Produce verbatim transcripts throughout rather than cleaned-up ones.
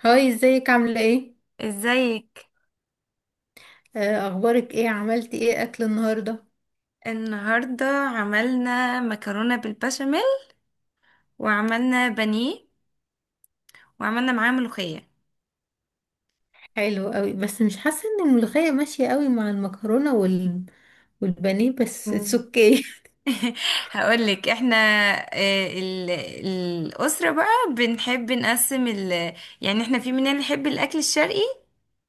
هاي، ازيك؟ عاملة ايه؟ ازيك. آه، اخبارك ايه؟ عملتي ايه اكل النهاردة؟ النهارده عملنا مكرونه بالبشاميل، وعملنا بانيه، وعملنا معاه ملوخيه. حلو قوي، بس مش حاسة ان الملوخية ماشية قوي مع المكرونة وال... والبانيه، بس اتس مم. اوكي. هقولك احنا، آه، ال- الاسره بقى بنحب نقسم ال، يعني احنا في مننا اللي يحب الاكل الشرقي،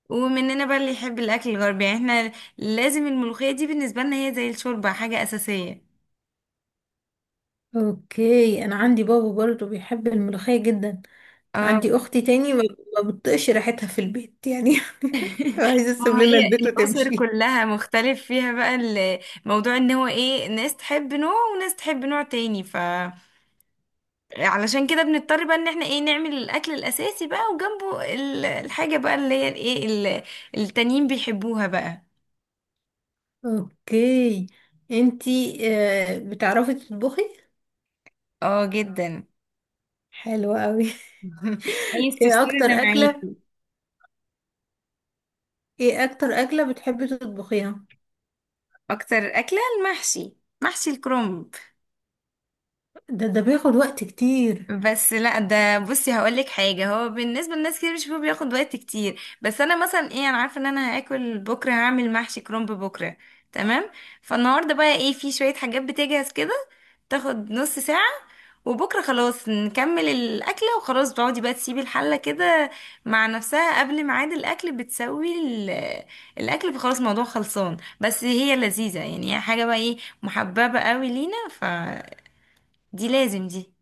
ومننا بقى اللي يحب الاكل الغربي. يعني احنا لازم الملوخيه دي بالنسبه لنا هي زي الشوربه، حاجه اساسيه. اوكي، انا عندي بابا برضه بيحب الملوخية جدا. اه، عندي اختي تاني ما ما بتطقش ريحتها في البيت يعني. عايزة ما تسيب هو لنا هي البيت الأسر وتمشي. كلها مختلف فيها بقى. الموضوع ان هو ايه، ناس تحب نوع وناس تحب نوع تاني، ف علشان كده بنضطر بقى ان احنا ايه، نعمل الأكل الأساسي بقى، وجنبه ال- الحاجة بقى اللي هي ايه ال- التانيين بيحبوها بقى. اوكي، انتي آه، بتعرفي تطبخي؟ اه جدا. حلو قوي. عايز ايه تفصلي اكتر انا اكلة معاكي. ايه اكتر اكلة بتحبي تطبخيها؟ اكتر أكلة المحشي، محشي الكرنب. ده ده بياخد وقت كتير. بس لا، ده بصي هقول لك حاجه، هو بالنسبه لناس كتير بيشوفوه بياخد وقت كتير، بس انا مثلا ايه، انا عارفه ان انا هاكل بكره هعمل محشي كرنب بكره، تمام؟ فالنهارده بقى ايه، في شويه حاجات بتجهز كده، تاخد نص ساعه، وبكره خلاص نكمل الاكله، وخلاص بتقعدي بقى تسيبي الحله كده مع نفسها قبل ميعاد الاكل بتسوي ال- الاكل، فخلاص الموضوع خلصان. بس هي لذيذه يعني، هي حاجه بقى ايه محببه قوي لينا، فدي لازم دي.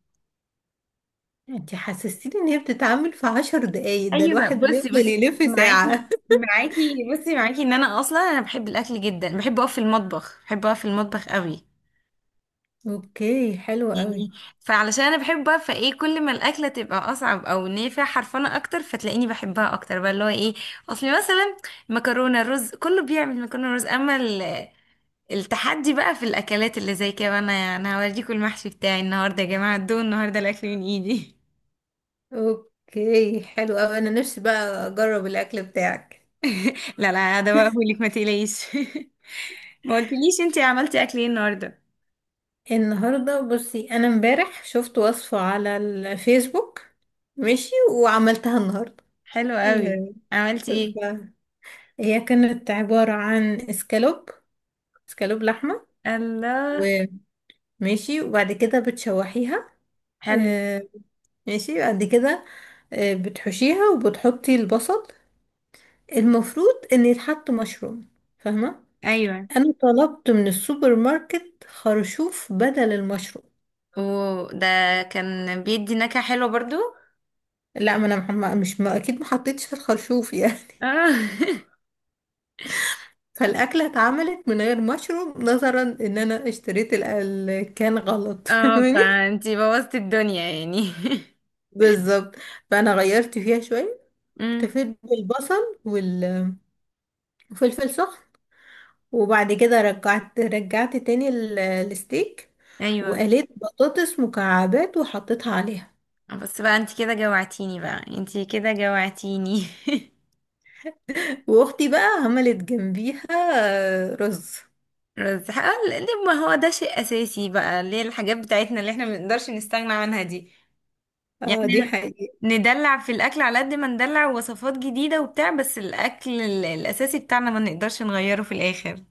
انت حسستيني ان هي بتتعمل في عشر دقايق، ده ايوه الواحد بصي بيفضل بس، يلف ساعة. معاكي معاكي بصي معاكي ان انا اصلا، انا بحب الاكل جدا، بحب اقف في المطبخ، بحب اقف في المطبخ قوي اوكي، حلو قوي. يعني. فعلشان انا بحبها، فايه كل ما الاكله تبقى اصعب، او ان هي فيها حرفنه اكتر، فتلاقيني بحبها اكتر بقى، اللي هو ايه، اصل مثلا مكرونه رز كله بيعمل مكرونه رز، اما ال- التحدي بقى في الاكلات اللي زي كده. انا انا هوريكم المحشي بتاعي النهارده يا جماعه، الدون النهارده الاكل من ايدي. اوكي حلو قوي، انا نفسي بقى اجرب الاكل بتاعك. لا لا، ده بقى بقولك ما تقلقيش. ما قلتليش انتي عملتي اكل ايه النهارده؟ النهارده بصي، انا امبارح شفت وصفة على الفيسبوك، ماشي، وعملتها النهارده. حلو قوي. آه، عملتي ايه؟ ف- هي كانت عبارة عن اسكالوب. اسكالوب لحمة، الله. وماشي. وبعد كده بتشوحيها. حلو. آه، ماشي، بعد كده آه، بتحشيها وبتحطي البصل. المفروض ان يتحط مشروم، فاهمة؟ ايوه، انا طلبت من السوبر ماركت خرشوف بدل المشروم. وده كان بيدي نكهة حلوة برضو. لا، ما انا محم- مش، ما اكيد ما حطيتش الخرشوف يعني. اه. فالاكله اتعملت من غير مشروم، نظرا ان انا اشتريت ال- ال- كان غلط. اه، فاهماني؟ فانتي بوظتي الدنيا يعني. بالظبط. فانا غيرت فيها شويه. امم اكتفيت بالبصل وال- وفلفل سخن. وبعد كده رجعت رجعت تاني ال- الستيك. ايوه. وقليت بطاطس مكعبات وحطيتها عليها. بس بقى انت كده جوعتيني، بقى انت كده جوعتيني. واختي بقى عملت جنبيها آه، رز. رز حقل- ليه، ما هو ده شيء اساسي بقى، ليه الحاجات بتاعتنا اللي احنا ما بنقدرش نستغنى عنها دي، اه دي يعني حقيقة. ندلع في الاكل على قد ما ندلع وصفات جديده وبتاع، بس الاكل ال- الاساسي بتاعنا ما نقدرش نغيره في الاخر.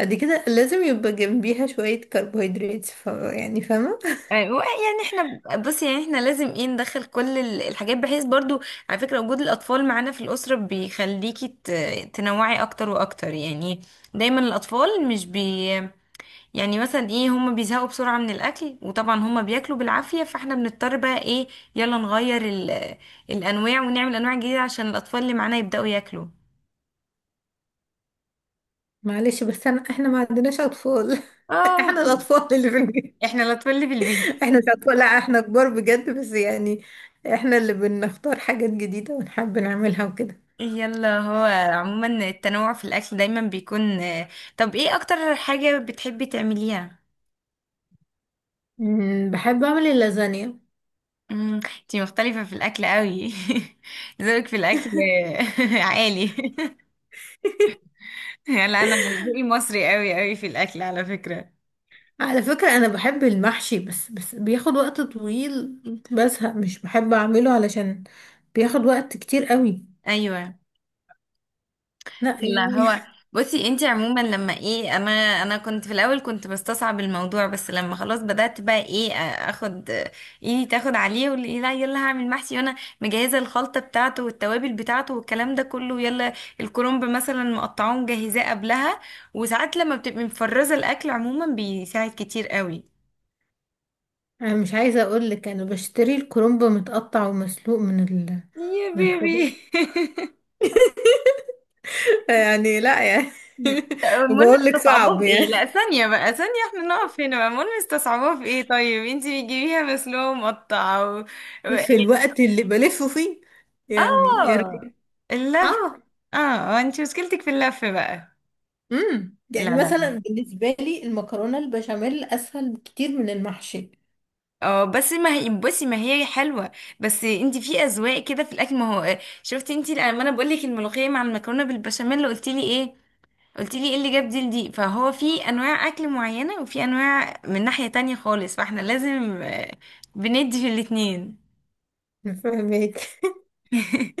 دي كده لازم يبقى جنبيها شوية كربوهيدرات، ف... يعني فاهمة؟ أيوة، يعني احنا بص، يعني احنا لازم ايه، ندخل كل ال- الحاجات بحيث برضو. على فكره وجود الاطفال معانا في الاسره بيخليكي ت- تنوعي اكتر واكتر يعني. دايما الاطفال مش بي، يعني مثلا ايه، هم بيزهقوا بسرعه من الاكل، وطبعا هم بياكلوا بالعافيه، فاحنا بنضطر بقى ايه، يلا نغير ال- الانواع، ونعمل انواع جديده عشان الاطفال اللي معانا يبداوا ياكلوا. معلش، بس أنا احنا ما عندناش أطفال. اه احنا الأطفال اللي في البيت. احنا الأطفال اللي في البيت. احنا مش أطفال، لا احنا كبار بجد، بس يعني احنا اللي بنختار حاجات جديدة ونحب نعملها وكده. يلا، هو عموما التنوع في الأكل دايما بيكون. طب ايه أكتر حاجة بتحبي تعمليها؟ أمم، بحب أعمل اللازانيا. امم، انتي مختلفة في الأكل قوي. ذوقك في الأكل عالي. لا، أنا ذوقي مصري قوي قوي في الأكل على فكرة. على فكرة، أنا بحب المحشي، بس بس بياخد وقت طويل. بزهق مش بحب أعمله، علشان بياخد وقت كتير قوي. أيوة. لا لا، يعني. هو بصي انت عموما لما ايه، انا، انا كنت في الاول كنت بستصعب الموضوع، بس لما خلاص بدأت بقى ايه ا- اخد ايه، تاخد عليه واللي لا، يلا هعمل محشي، وانا مجهزة الخلطة بتاعته والتوابل بتاعته والكلام ده كله، يلا. الكرنب مثلا مقطعاه مجهزاه قبلها، وساعات لما بتبقي مفرزة الاكل عموما بيساعد كتير قوي. أنا مش عايزة أقولك، أنا بشتري الكرنب متقطع ومسلوق من ال يا من الخضار. بيبي. يعني لا يعني. مم. المهم بقولك صعب استصعبوها في ايه، يعني، لا ثانية بقى ثانية، احنا نقف هنا بقى، المهم استصعبوها في ايه؟ طيب انتي بتجيبيها مسلوقة مقطعة و... و... في يعني- الوقت اللي بلفه فيه. يعني إيه اه، رأيك؟ اللف. اه. اه، آه، انتي مشكلتك في اللف بقى. امم لا يعني لا لا مثلا بالنسبة لي المكرونة البشاميل أسهل بكتير من المحشي. اه بس ما هي بصي ما هي حلوة. بس انتي في اذواق كده في الاكل، ما هو آه، شفتي انتي لما انا بقول لك الملوخية مع المكرونة بالبشاميل اللي قلتي لي ايه، قلت لي ايه اللي جاب دي لدي؟ فهو في انواع اكل معينة، وفي انواع من ناحية تانية خالص، فاحنا لازم آه، بندي في الاتنين. فاهمك.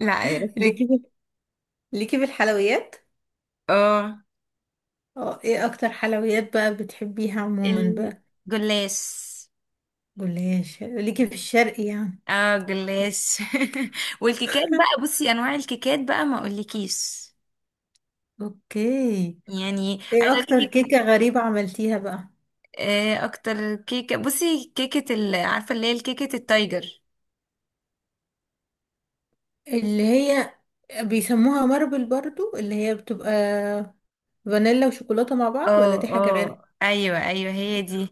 لا بس، لكن ليكي في الحلويات. اه اه، ايه اكتر حلويات بقى بتحبيها عموما بقى؟ الجلاش. جلاش ليكي في الشرق يعني. اه جلاش. والكيكات بقى، بصي انواع الكيكات بقى ما اقولكيش، اوكي. يعني ايه عايزه اقول اكتر لك. كيكة غريبة عملتيها بقى؟ اكتر كيكه بصي، كيكه ال- عارفه اللي هي الكيكه التايجر. اللي هي بيسموها ماربل برضو، اللي هي بتبقى فانيلا وشوكولاتة مع بعض، ولا دي اه حاجة غير؟ اه، ايوه ايوه، هي دي.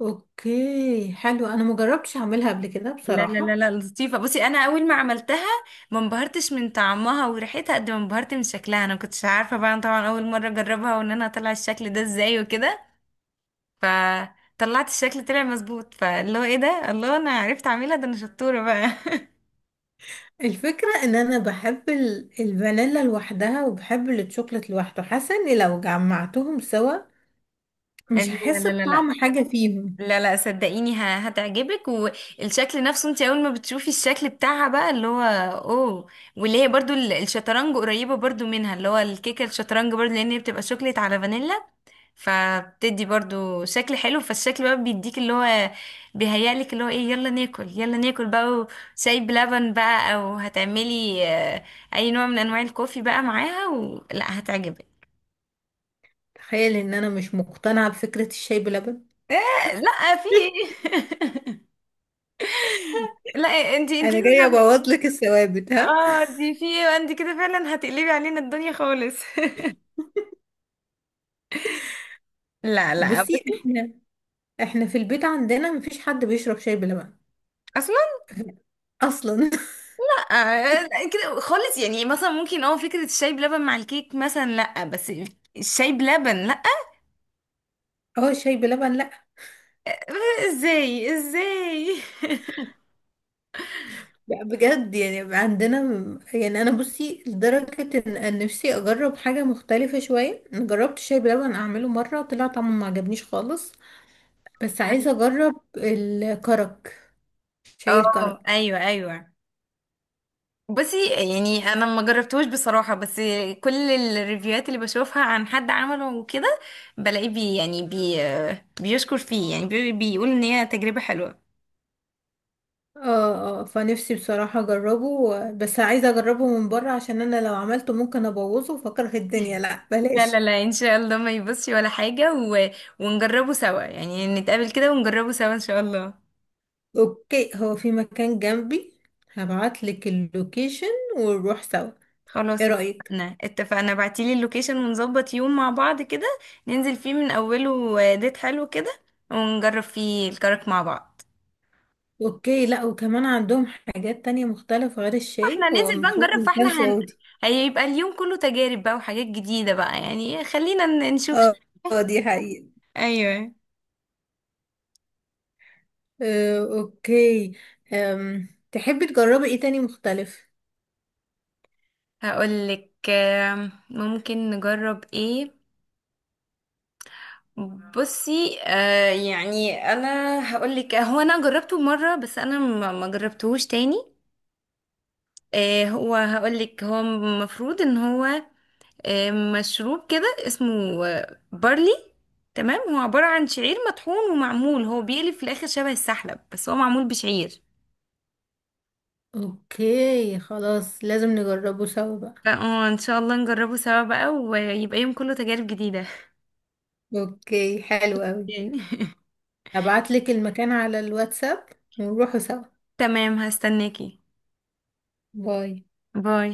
اوكي حلو، انا مجربتش اعملها قبل كده لا لا لا بصراحة. لا، لطيفة بصي، أنا أول ما عملتها ما انبهرتش من طعمها وريحتها قد ما انبهرت من شكلها. أنا ما كنتش عارفة بقى، أنا طبعا أول مرة أجربها، وإن أنا أطلع الشكل ده إزاي وكده، فطلعت الشكل، طلع مظبوط، فاللي هو إيه ده، الله، أنا عرفت أعملها، ده أنا شطورة بقى. الفكرة ان انا بحب ال- الفانيلا لوحدها، وبحب الشوكولاتة لوحده، حاسة اني لو جمعتهم سوا لا مش هحس لا لا لا، بطعم حاجة فيهم. لا لا صدقيني، ه- هتعجبك، والشكل نفسه، انت اول ما بتشوفي الشكل بتاعها بقى اللي هو اوه. واللي هي برضو ال- الشطرنج، قريبة برضو منها، اللي هو الكيكة الشطرنج برضو، لان هي بتبقى شوكليت على فانيلا، فبتدي برضو شكل حلو، فالشكل بقى بيديك اللي هو بيهيألك اللي هو ايه، يلا ناكل يلا ناكل بقى، وشاي بلبن بقى، او هتعملي آه، اي نوع من انواع الكوفي بقى معاها، ولا هتعجبك؟ تخيل ان انا مش مقتنعة بفكرة الشاي بلبن. إيه؟ لا، في ايه؟ لا، انتي انتي انا جاية لازم. ابوظ لك الثوابت، ها. اه دي في ايه، انت كده فعلا هتقلبي علينا الدنيا خالص. لا لا بصي، بس. احنا احنا في البيت عندنا مفيش حد بيشرب شاي بلبن اصلا اصلا. آه، كده خالص، يعني مثلا ممكن اه فكرة الشاي بلبن مع الكيك مثلا، لا بس الشاي بلبن لا. هو الشاي بلبن، لا. ازاي ازاي. لا بجد، يعني عندنا. يعني انا بصي لدرجة ان أن نفسي اجرب حاجة مختلفة شوية. أنا جربت الشاي بلبن اعمله مرة، طلع طعمه ما عجبنيش خالص. بس عايزة اجرب الكرك. شاي اه الكرك. ايوه ايوه، بصي يعني انا ما جربتوش بصراحه، بس كل الريفيوهات اللي بشوفها عن حد عمله وكده، بلاقيه بي، يعني بي بيشكر فيه، يعني بي بيقول ان هي تجربه حلوه. اه، اه، فنفسي بصراحة اجربه، بس عايزة اجربه من بره، عشان انا لو عملته ممكن ابوظه فاكره الدنيا، لا لا بلاش. لا لا ان شاء الله ما يبصش ولا حاجه، و... ونجربه سوا يعني، نتقابل كده ونجربه سوا ان شاء الله. اوكي، هو في مكان جنبي، هبعتلك اللوكيشن ونروح سوا. خلاص ايه رأيك؟ اتفقنا اتفقنا، بعتيلي اللوكيشن، ونظبط يوم مع بعض كده، ننزل فيه من اوله، آه، ديت حلو كده، ونجرب فيه الكرك مع بعض. اوكي، لا وكمان عندهم حاجات تانية مختلفة غير الشاي، احنا هو ننزل بقى المفروض نجرب، مكان فاحنا هن-، سعودي. هيبقى اليوم كله تجارب بقى وحاجات جديدة بقى يعني، خلينا ن- نشوف. اه، اه دي حقيقة. ايوه. آه، اوكي. أم. تحبي تجربي ايه تاني مختلف؟ هقولك، آم، ممكن نجرب ايه، بصي آه يعني انا، هقولك، هو انا جربته مرة بس انا ما ما جربتهوش تاني. آه، هو هقولك هو المفروض ان هو، آه، مشروب كده اسمه آه، بارلي، تمام؟ هو عبارة عن شعير مطحون ومعمول، هو بيقلب في الآخر شبه السحلب، بس هو معمول بشعير. اوكي خلاص، لازم نجربه سوا بقى. فاه ان شاء الله نجربه سوا بقى، ويبقى يوم كله تجارب جديدة. اوكي حلو قوي. هبعتلك المكان على الواتساب ونروحوا سوا. تمام هستناكي. باي. باي.